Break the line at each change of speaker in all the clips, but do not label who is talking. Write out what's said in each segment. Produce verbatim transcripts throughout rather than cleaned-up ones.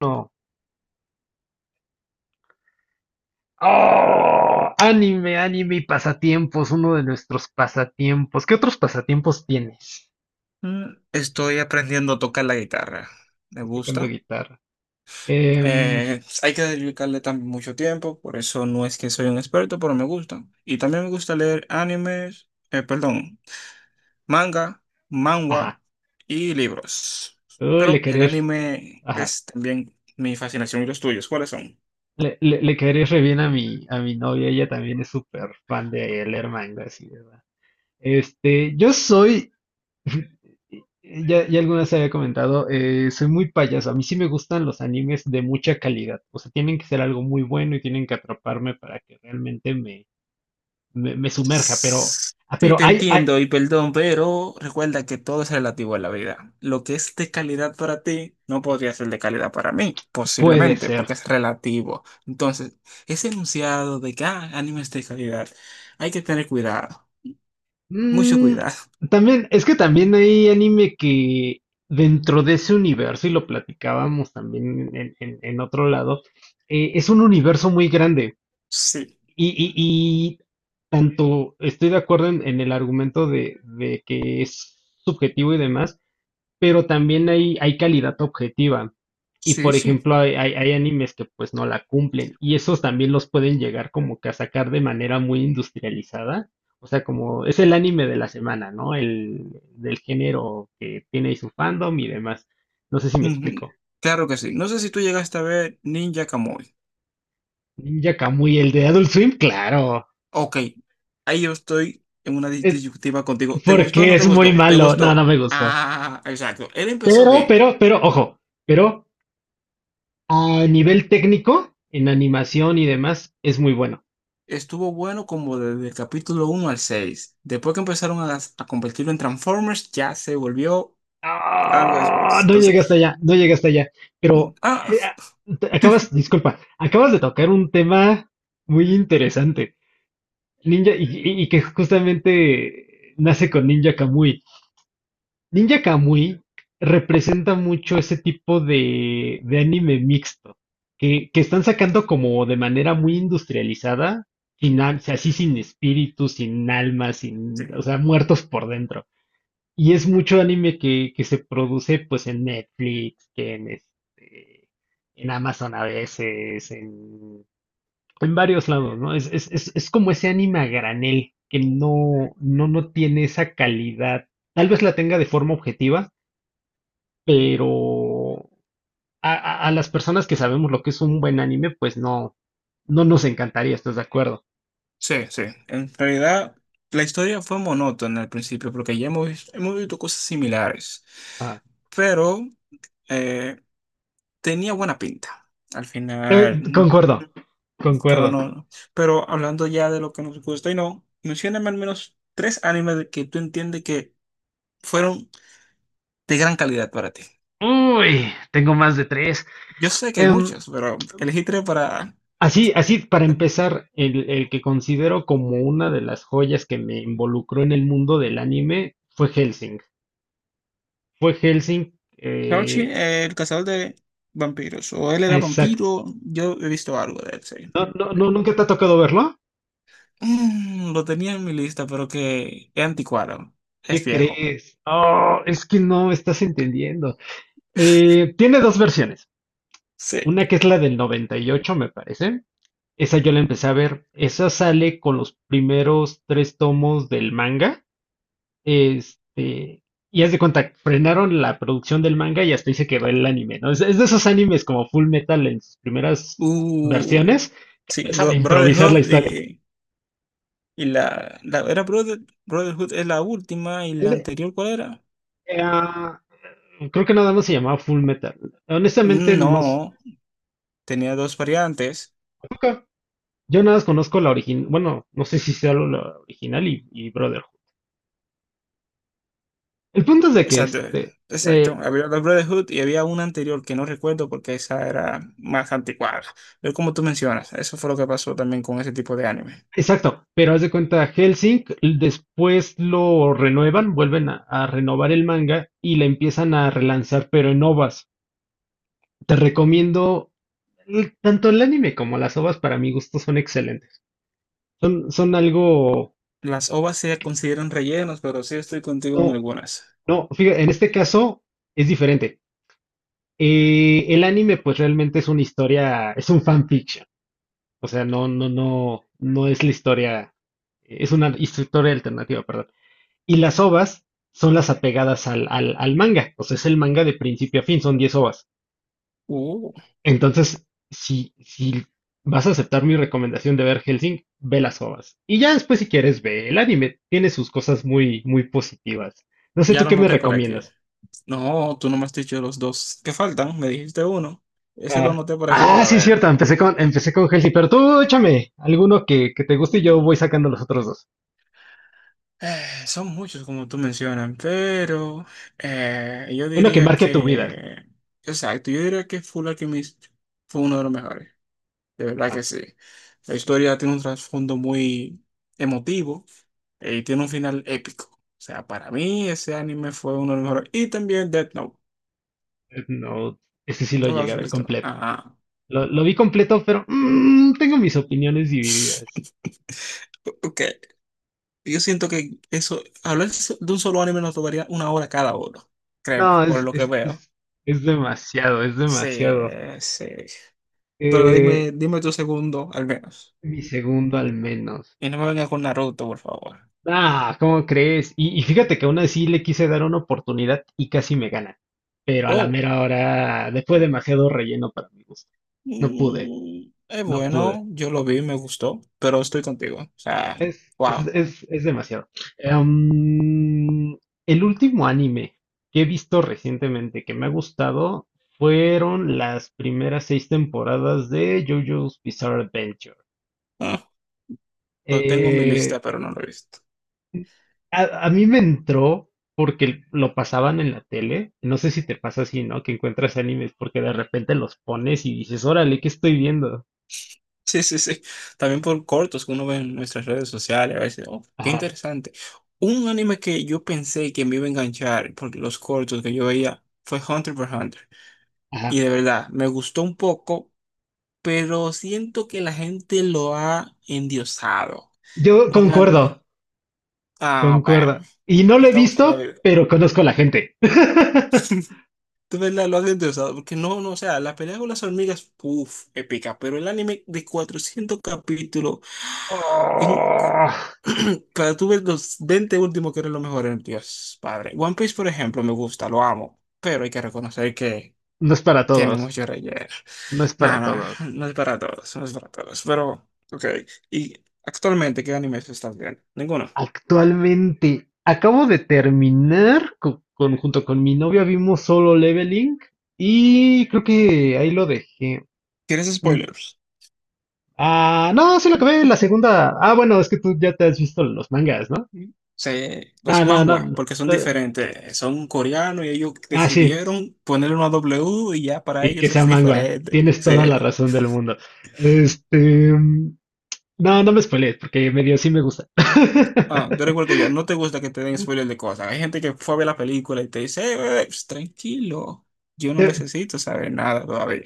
No. ¡Oh! Anime, anime y pasatiempos, uno de nuestros pasatiempos. ¿Qué otros pasatiempos tienes?
Mm, Estoy aprendiendo a tocar la guitarra. Me
Estoy tocando
gusta.
guitarra. Em,
Eh, hay que dedicarle también mucho tiempo, por eso no es que soy un experto, pero me gusta. Y también me gusta leer animes, eh, perdón, manga,
ajá.
manhwa y libros.
Uy, le
Pero el
querés.
anime
Ajá.
es también mi fascinación. ¿Y los tuyos cuáles son?
Le, le, le querés re bien a mi, a mi novia. Ella también es súper fan de leer manga, así, ¿verdad? Este, yo soy. Ya, ya alguna vez había comentado, eh, soy muy payaso. A mí sí me gustan los animes de mucha calidad. O sea, tienen que ser algo muy bueno y tienen que atraparme para que realmente me, me sumerja, pero, ah,
Sí,
pero
te
hay, hay,
entiendo y perdón, pero recuerda que todo es relativo a la vida. Lo que es de calidad para ti no podría ser de calidad para mí,
puede
posiblemente,
ser.
porque es relativo. Entonces, ese enunciado de que ah, anime es de calidad, hay que tener cuidado, mucho
Mm,
cuidado.
también, es que también hay anime que dentro de ese universo, y lo platicábamos también en, en- en otro lado, eh, es un universo muy grande.
Sí,
Y, y- y tanto estoy de acuerdo en, en el argumento de, de que es subjetivo y demás, pero también hay, hay calidad objetiva. Y
sí,
por
sí.
ejemplo, hay, hay- hay animes que pues no la cumplen y esos también los pueden llegar como que a sacar de manera muy industrializada. O sea, como es el anime de la semana, ¿no? El del género que tiene ahí su fandom y demás. No sé si me explico.
Ujú. Claro que sí. No sé si tú llegaste a ver Ninja Kamui.
Ninja Kamui, el de Adult Swim, claro.
Ok, ahí yo estoy en una dis-
Es
disyuntiva contigo. ¿Te gustó o
porque
no te
es muy
gustó? ¿Te
malo. No, no
gustó?
me gustó.
Ah, exacto. Él empezó
Pero, pero,
bien.
pero, ojo, pero a nivel técnico, en animación y demás, es muy bueno.
Estuvo bueno como desde el capítulo uno al seis. Después que empezaron a, a convertirlo en Transformers, ya se volvió algo disparado.
Ah, no
Entonces,
llegué hasta allá, no llegué hasta allá.
mm,
Pero
ah,
eh, ah, te- acabas, disculpa, acabas de tocar un tema muy interesante. Ninja, y, y- y que justamente nace con Ninja Kamui. Ninja Kamui representa mucho ese tipo de, de anime mixto, que, que están sacando como de manera muy industrializada, sin, al- así sin espíritu, sin alma, sin,
sí,
o sea, muertos por dentro. Y es mucho anime que, que se produce pues en Netflix, que en este, en Amazon a veces, en, en varios lados, ¿no? Es, es, es, es como ese anime a granel, que no, no, no tiene esa calidad. Tal vez la tenga de forma objetiva, pero a, a- a las personas que sabemos lo que es un buen anime, pues no, no nos encantaría, ¿estás de acuerdo?
sí, sí. En realidad, la historia fue monótona al principio, porque ya hemos, vis- hemos visto cosas similares.
Ah,
Pero eh, tenía buena pinta al final.
eh,
mm,
concuerdo,
Pero
concuerdo.
no, no. Pero hablando ya de lo que nos gusta y no, mencióname al menos tres animes de que tú entiendes que fueron de gran calidad para ti.
Uy, tengo más de tres.
Yo sé que hay muchos, pero elegí tres para…
Así, así para empezar, el, el que considero como una de las joyas que me involucró en el mundo del anime fue Helsing. Fue Helsing,
Crouchy,
eh,
eh, el cazador de vampiros. O él era
exacto.
vampiro, yo he visto algo de él, sí.
No,
Ok.
no, ¿nunca te ha tocado verlo?
Mm, lo tenía en mi lista, pero que es anticuado. Es
¿Qué
viejo.
crees? Oh, es que no estás entendiendo. Eh, tiene dos versiones.
Sí.
Una que es la del noventa y ocho, me parece. Esa yo la empecé a ver. Esa sale con los primeros tres tomos del manga. Este, y haz de cuenta, frenaron la producción del manga y hasta ahí se quedó el anime, ¿no? Es, es de esos animes como Full Metal en sus primeras
Uh,
versiones, que
sí,
empiezan a
Bro-
improvisar la
Brotherhood
historia.
y, y la, la- era Brother- Brotherhood es la última, y
Es
la
de-
anterior, ¿cuál era?
eh, ah, creo que nada más se llamaba Full Metal. Honestamente, no. s-
No, tenía dos variantes.
Nunca. Yo nada más conozco la original, bueno, no sé si sea la la original y, y Brotherhood. El punto es de que
Exacto,
este,
exacto.
eh,
Había la Brotherhood y había una anterior que no recuerdo porque esa era más anticuada. Pero como tú mencionas, eso fue lo que pasó también con ese tipo de anime.
Exacto, pero haz de cuenta, Helsing después lo renuevan, vuelven a, a renovar el manga y la empiezan a relanzar, pero en ovas. Te recomiendo, el- tanto el anime como las ovas para mi gusto son excelentes. Son, son algo,
Las O V As se consideran rellenos, pero sí estoy contigo en
no,
algunas.
no, fíjate, en este caso es diferente. Eh, el anime pues realmente es una historia, es un fanfiction, o sea, no, no, no, no es la historia, es una historia alternativa, perdón. Y las ovas son las apegadas al, al, al manga. O sea, es el manga de principio a fin, son diez ovas.
Uh,
Entonces, si, si vas a aceptar mi recomendación de ver Helsing, ve las ovas. Y ya después, si quieres, ve el anime. Tiene sus cosas muy, muy positivas. No sé,
ya
¿tú
lo
qué me
noté por aquí.
recomiendas?
No, tú no me has dicho los dos que faltan, me dijiste uno. Ese lo
Ah,
noté por aquí
Ah,
para
sí, es
verlo.
cierto, empecé con, empecé con Helsing, pero tú échame alguno que, que te guste y yo voy sacando los otros dos.
Eh, son muchos, como tú mencionas, pero eh, yo
Uno que
diría
marque tu vida.
que, exacto, yo diría que Full Alchemist fue uno de los mejores, de verdad que
Ajá.
sí. La historia tiene un trasfondo muy emotivo eh, y tiene un final épico. O sea, para mí ese anime fue uno de los mejores. Y también Death Note,
No, ese sí lo
¿no lo
llegué
has
a ver
visto?
completo.
Ajá.
Lo, lo vi completo, pero mm, tengo mis opiniones divididas.
O- Ok, yo siento que eso, hablar de un solo anime nos tomaría una hora cada uno, créeme,
No,
por
es,
lo que
es,
veo.
es, es demasiado, es
Sí,
demasiado.
sí. Pero
Eh,
dime, dime tu segundo, al menos.
mi segundo al menos.
Y no me vengas con Naruto, por favor.
Ah, ¿cómo crees? Y, y fíjate que aún así le quise dar una oportunidad y casi me gana. Pero a la
Oh,
mera hora, después demasiado relleno para mi gusto. No pude,
mm, es
no pude.
bueno, yo lo vi, me gustó, pero estoy contigo. O sea,
Es, es,
wow.
es, es demasiado. Em, el último anime que he visto recientemente que me ha gustado fueron las primeras seis temporadas de JoJo's Bizarre Adventure.
Ah, lo tengo en mi lista,
Eh,
pero no lo he visto.
a, a mí me entró porque lo pasaban en la tele. No sé si te pasa así, ¿no? Que encuentras animes porque de repente los pones y dices, órale, ¿qué estoy viendo?
Sí, sí, sí. También por cortos que uno ve en nuestras redes sociales, a veces, oh, qué
Ajá,
interesante. Un anime que yo pensé que me iba a enganchar porque los cortos que yo veía fue Hunter x Hunter. Y
ajá.
de verdad, me gustó un poco, pero siento que la gente lo ha endiosado.
Yo
Un anime.
concuerdo,
Ah, bueno.
concuerdo. Y no lo he
Estamos en la
visto,
vida.
pero conozco a la gente.
De verdad, lo has interesado. Porque no, no, o sea, la pelea con las hormigas, uff, épica. Pero el anime de cuatrocientos capítulos. en-
Oh,
Para tú ver los veinte últimos que eran los mejores, Dios, padre. One Piece, por ejemplo, me gusta, lo amo. Pero hay que reconocer que
no es para
tiene
todos,
mucho relleno.
no es para
Nada,
todos.
no, no es para todos, no es para todos. Pero, ok. ¿Y actualmente qué animes estás viendo? Ninguno.
Actualmente acabo de terminar co- con, junto con mi novia vimos Solo Leveling y creo que ahí lo dejé.
¿Tienes spoilers?
Ah, no, sí lo acabé la segunda. Ah, bueno, es que tú ya te has visto los mangas, ¿no?
Se,
Ah,
los
no, no.
manhwa,
No.
porque son
Eh,
diferentes, son coreanos y ellos
Ah, sí.
decidieron ponerle una W y ya para
Y que
ellos es
sea manga.
diferente.
Tienes toda
Sí.
la razón del mundo. Este, mm, no, no me spoilees porque medio sí me gusta.
Ah, tú eres que yo, no te gusta que te den spoilers de cosas. Hay gente que fue a ver la película y te dice, "Eh, eh, ps, tranquilo, yo no
Te,
necesito saber nada todavía."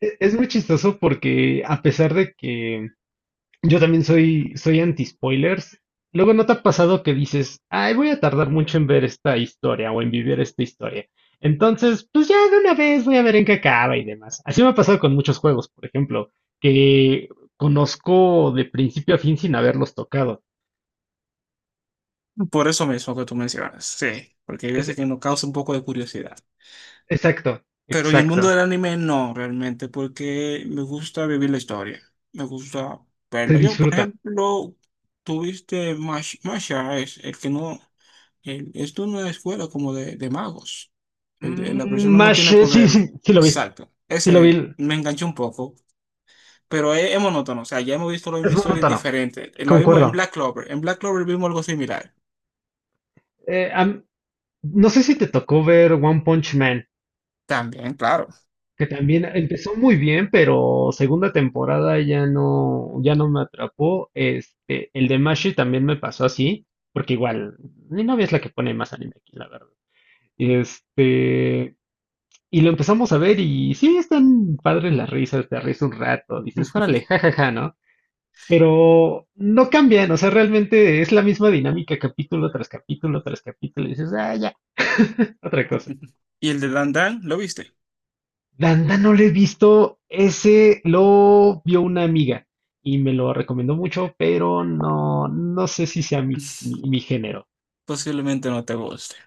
E- Es muy chistoso porque a pesar de que yo también soy, soy anti-spoilers, luego no te ha pasado que dices, ay, voy a tardar mucho en ver esta historia o en vivir esta historia. Entonces, pues ya de una vez voy a ver en qué acaba y demás. Así me ha pasado con muchos juegos, por ejemplo, que conozco de principio a fin sin haberlos tocado.
Por eso mismo que tú mencionas, sí, porque hay
Es-
veces que nos causa un poco de curiosidad.
exacto,
Pero en el mundo
exacto.
del anime no, realmente, porque me gusta vivir la historia. Me gusta
Se
verlo. Yo, por
disfruta.
ejemplo, tuviste Mash- Masha, es el que no. El- es de una escuela como de, de magos. El- el- la
Mm,
persona no
Mash,
tiene
eh, sí,
poder.
sí, sí lo vi,
Exacto.
sí lo
Ese
vi.
me enganchó un poco. Pero es, es monótono. O sea, ya hemos visto la
Es
misma historia
monótono.
diferente. Lo vimos en
Concuerdo.
Black Clover. En Black Clover vimos algo similar.
Eh, a, No sé si te tocó ver One Punch Man,
También, claro.
que también empezó muy bien, pero segunda temporada ya no, ya no me atrapó. Este, el de Mashi también me pasó así, porque igual, mi novia es la que pone más anime aquí, la verdad. Este, y lo empezamos a ver y sí, están padres las risas, te ríes un rato, dices, órale, jajaja, ¿no? Pero no cambian, o sea, realmente es la misma dinámica capítulo tras capítulo tras capítulo, y dices, ah, ya, otra cosa.
¿Y el de Dan Dan? ¿Lo viste?
Danda no lo he visto, ese lo vio una amiga y me lo recomendó mucho, pero no, no sé si sea mi, mi- mi género.
Posiblemente no te guste.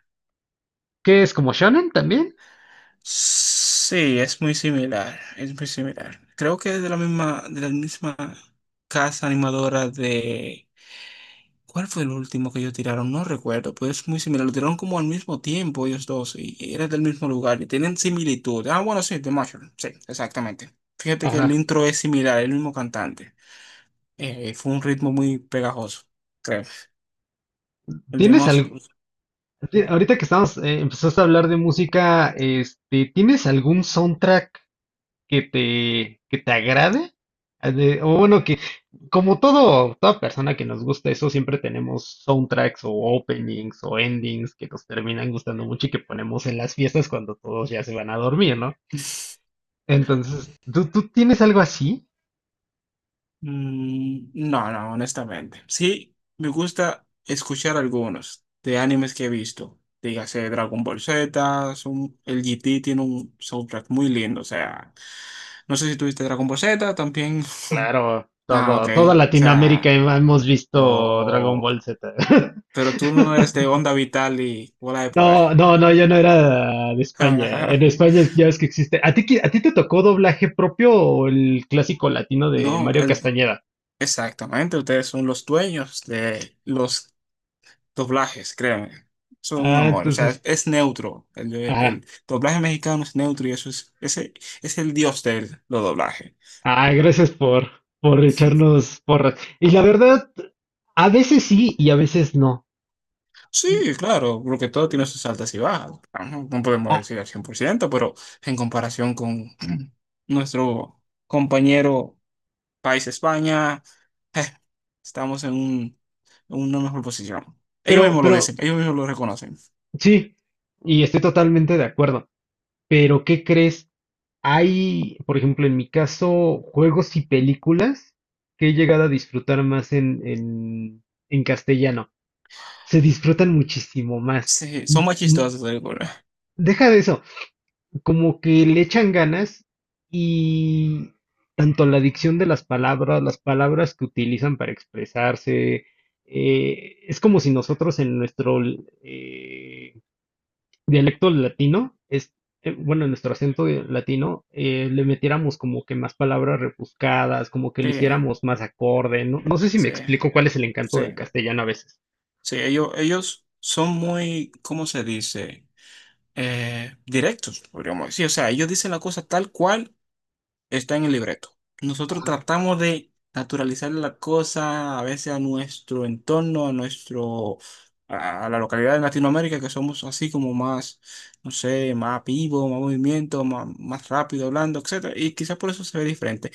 ¿Qué es como shonen también?
Sí, es muy similar, es muy similar. Creo que es de la misma, de la misma casa animadora de... ¿Cuál fue el último que ellos tiraron? No recuerdo, pero es muy similar. Lo tiraron como al mismo tiempo ellos dos y y era del mismo lugar y tienen similitud. Ah, bueno, sí, The Marshall. Sí, exactamente. Fíjate que el
Ajá.
intro es similar, el mismo cantante. Eh, fue un ritmo muy pegajoso, creo. El de
¿Tienes
Marshall…
algo? Ahorita que estamos, eh, empezaste a hablar de música, este, ¿tienes algún soundtrack? que te, que te agrade, a de- o bueno, que como todo, toda persona que nos gusta eso, siempre tenemos soundtracks o openings o endings que nos terminan gustando mucho y que ponemos en las fiestas cuando todos ya se van a dormir, ¿no? Entonces, ¿tú, tú tienes algo así?
Mm, no, no, honestamente. Sí, me gusta escuchar algunos de animes que he visto. Dígase Dragon Ball Z, son- el G T tiene un soundtrack muy lindo. O sea, no sé si tuviste Dragon Ball Z también.
Claro,
Ah, ok.
todo, toda
O
Latinoamérica
sea,
hemos visto Dragon Ball
oh,
Z.
pero tú no eres de Onda Vital y Bola de Poder.
No, no, no, yo no era de España. En España ya ves que existe. ¿A ti, qui- a ti te tocó doblaje propio o el clásico latino de
No,
Mario
el-
Castañeda?
exactamente. Ustedes son los dueños de los doblajes, créanme. Son un
Ah,
amor, o sea, es,
entonces,
es neutro. El, de-
ajá.
el doblaje mexicano es neutro y eso es, ese, es el dios de los doblajes.
Ah, gracias por, por echarnos porras. Y la verdad, a veces sí y a veces no.
Sí, claro, porque todo tiene sus altas y bajas. Ajá, no podemos
Ah,
decir al cien por ciento, pero en comparación con nuestro compañero país España, eh, estamos en un- en una mejor posición. Ellos
pero,
mismos lo
pero,
dicen, ellos mismos lo reconocen.
sí, y estoy totalmente de acuerdo. Pero, ¿qué crees? Hay, por ejemplo, en mi caso, juegos y películas que he llegado a disfrutar más en, en en castellano. Se disfrutan muchísimo más.
Sí, son más
N-
chistosos, seguro.
Deja de eso, como que le echan ganas y tanto la dicción de las palabras, las palabras que utilizan para expresarse, eh, es como si nosotros en nuestro eh, dialecto latino, es, eh, bueno, en nuestro acento de- latino, eh, le metiéramos como que más palabras rebuscadas, como que lo
Sí,
hiciéramos más acorde, ¿no? No sé si me
sí,
explico cuál es el encanto
sí.
del castellano a veces.
Sí, ellos, ellos son muy, ¿cómo se dice? Eh, directos, podríamos decir. O sea, ellos dicen la cosa tal cual está en el libreto. Nosotros tratamos de naturalizar la cosa a veces a nuestro entorno, a nuestro, a, a la localidad de Latinoamérica, que somos así como más, no sé, más vivo, más movimiento, más, más rápido hablando, etcétera. Y quizás por eso se ve diferente.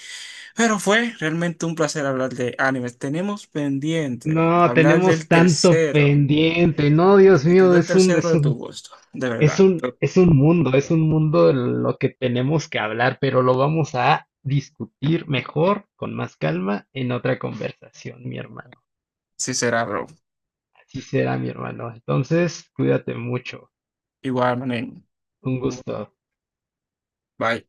Pero fue realmente un placer hablar de animes. Tenemos pendiente
No,
hablar
tenemos
del
tanto
tercero.
pendiente. No, Dios
Te
mío,
quedó el
es un,
tercero
es
de tu
un,
gusto, de
es
verdad.
un,
Pero
es un mundo, es un mundo en lo que tenemos que hablar, pero lo vamos a discutir mejor, con más calma, en otra conversación, mi hermano.
sí será, bro.
Así será, mi hermano. Entonces, cuídate mucho.
Igual, manín.
Un gusto.
Bye.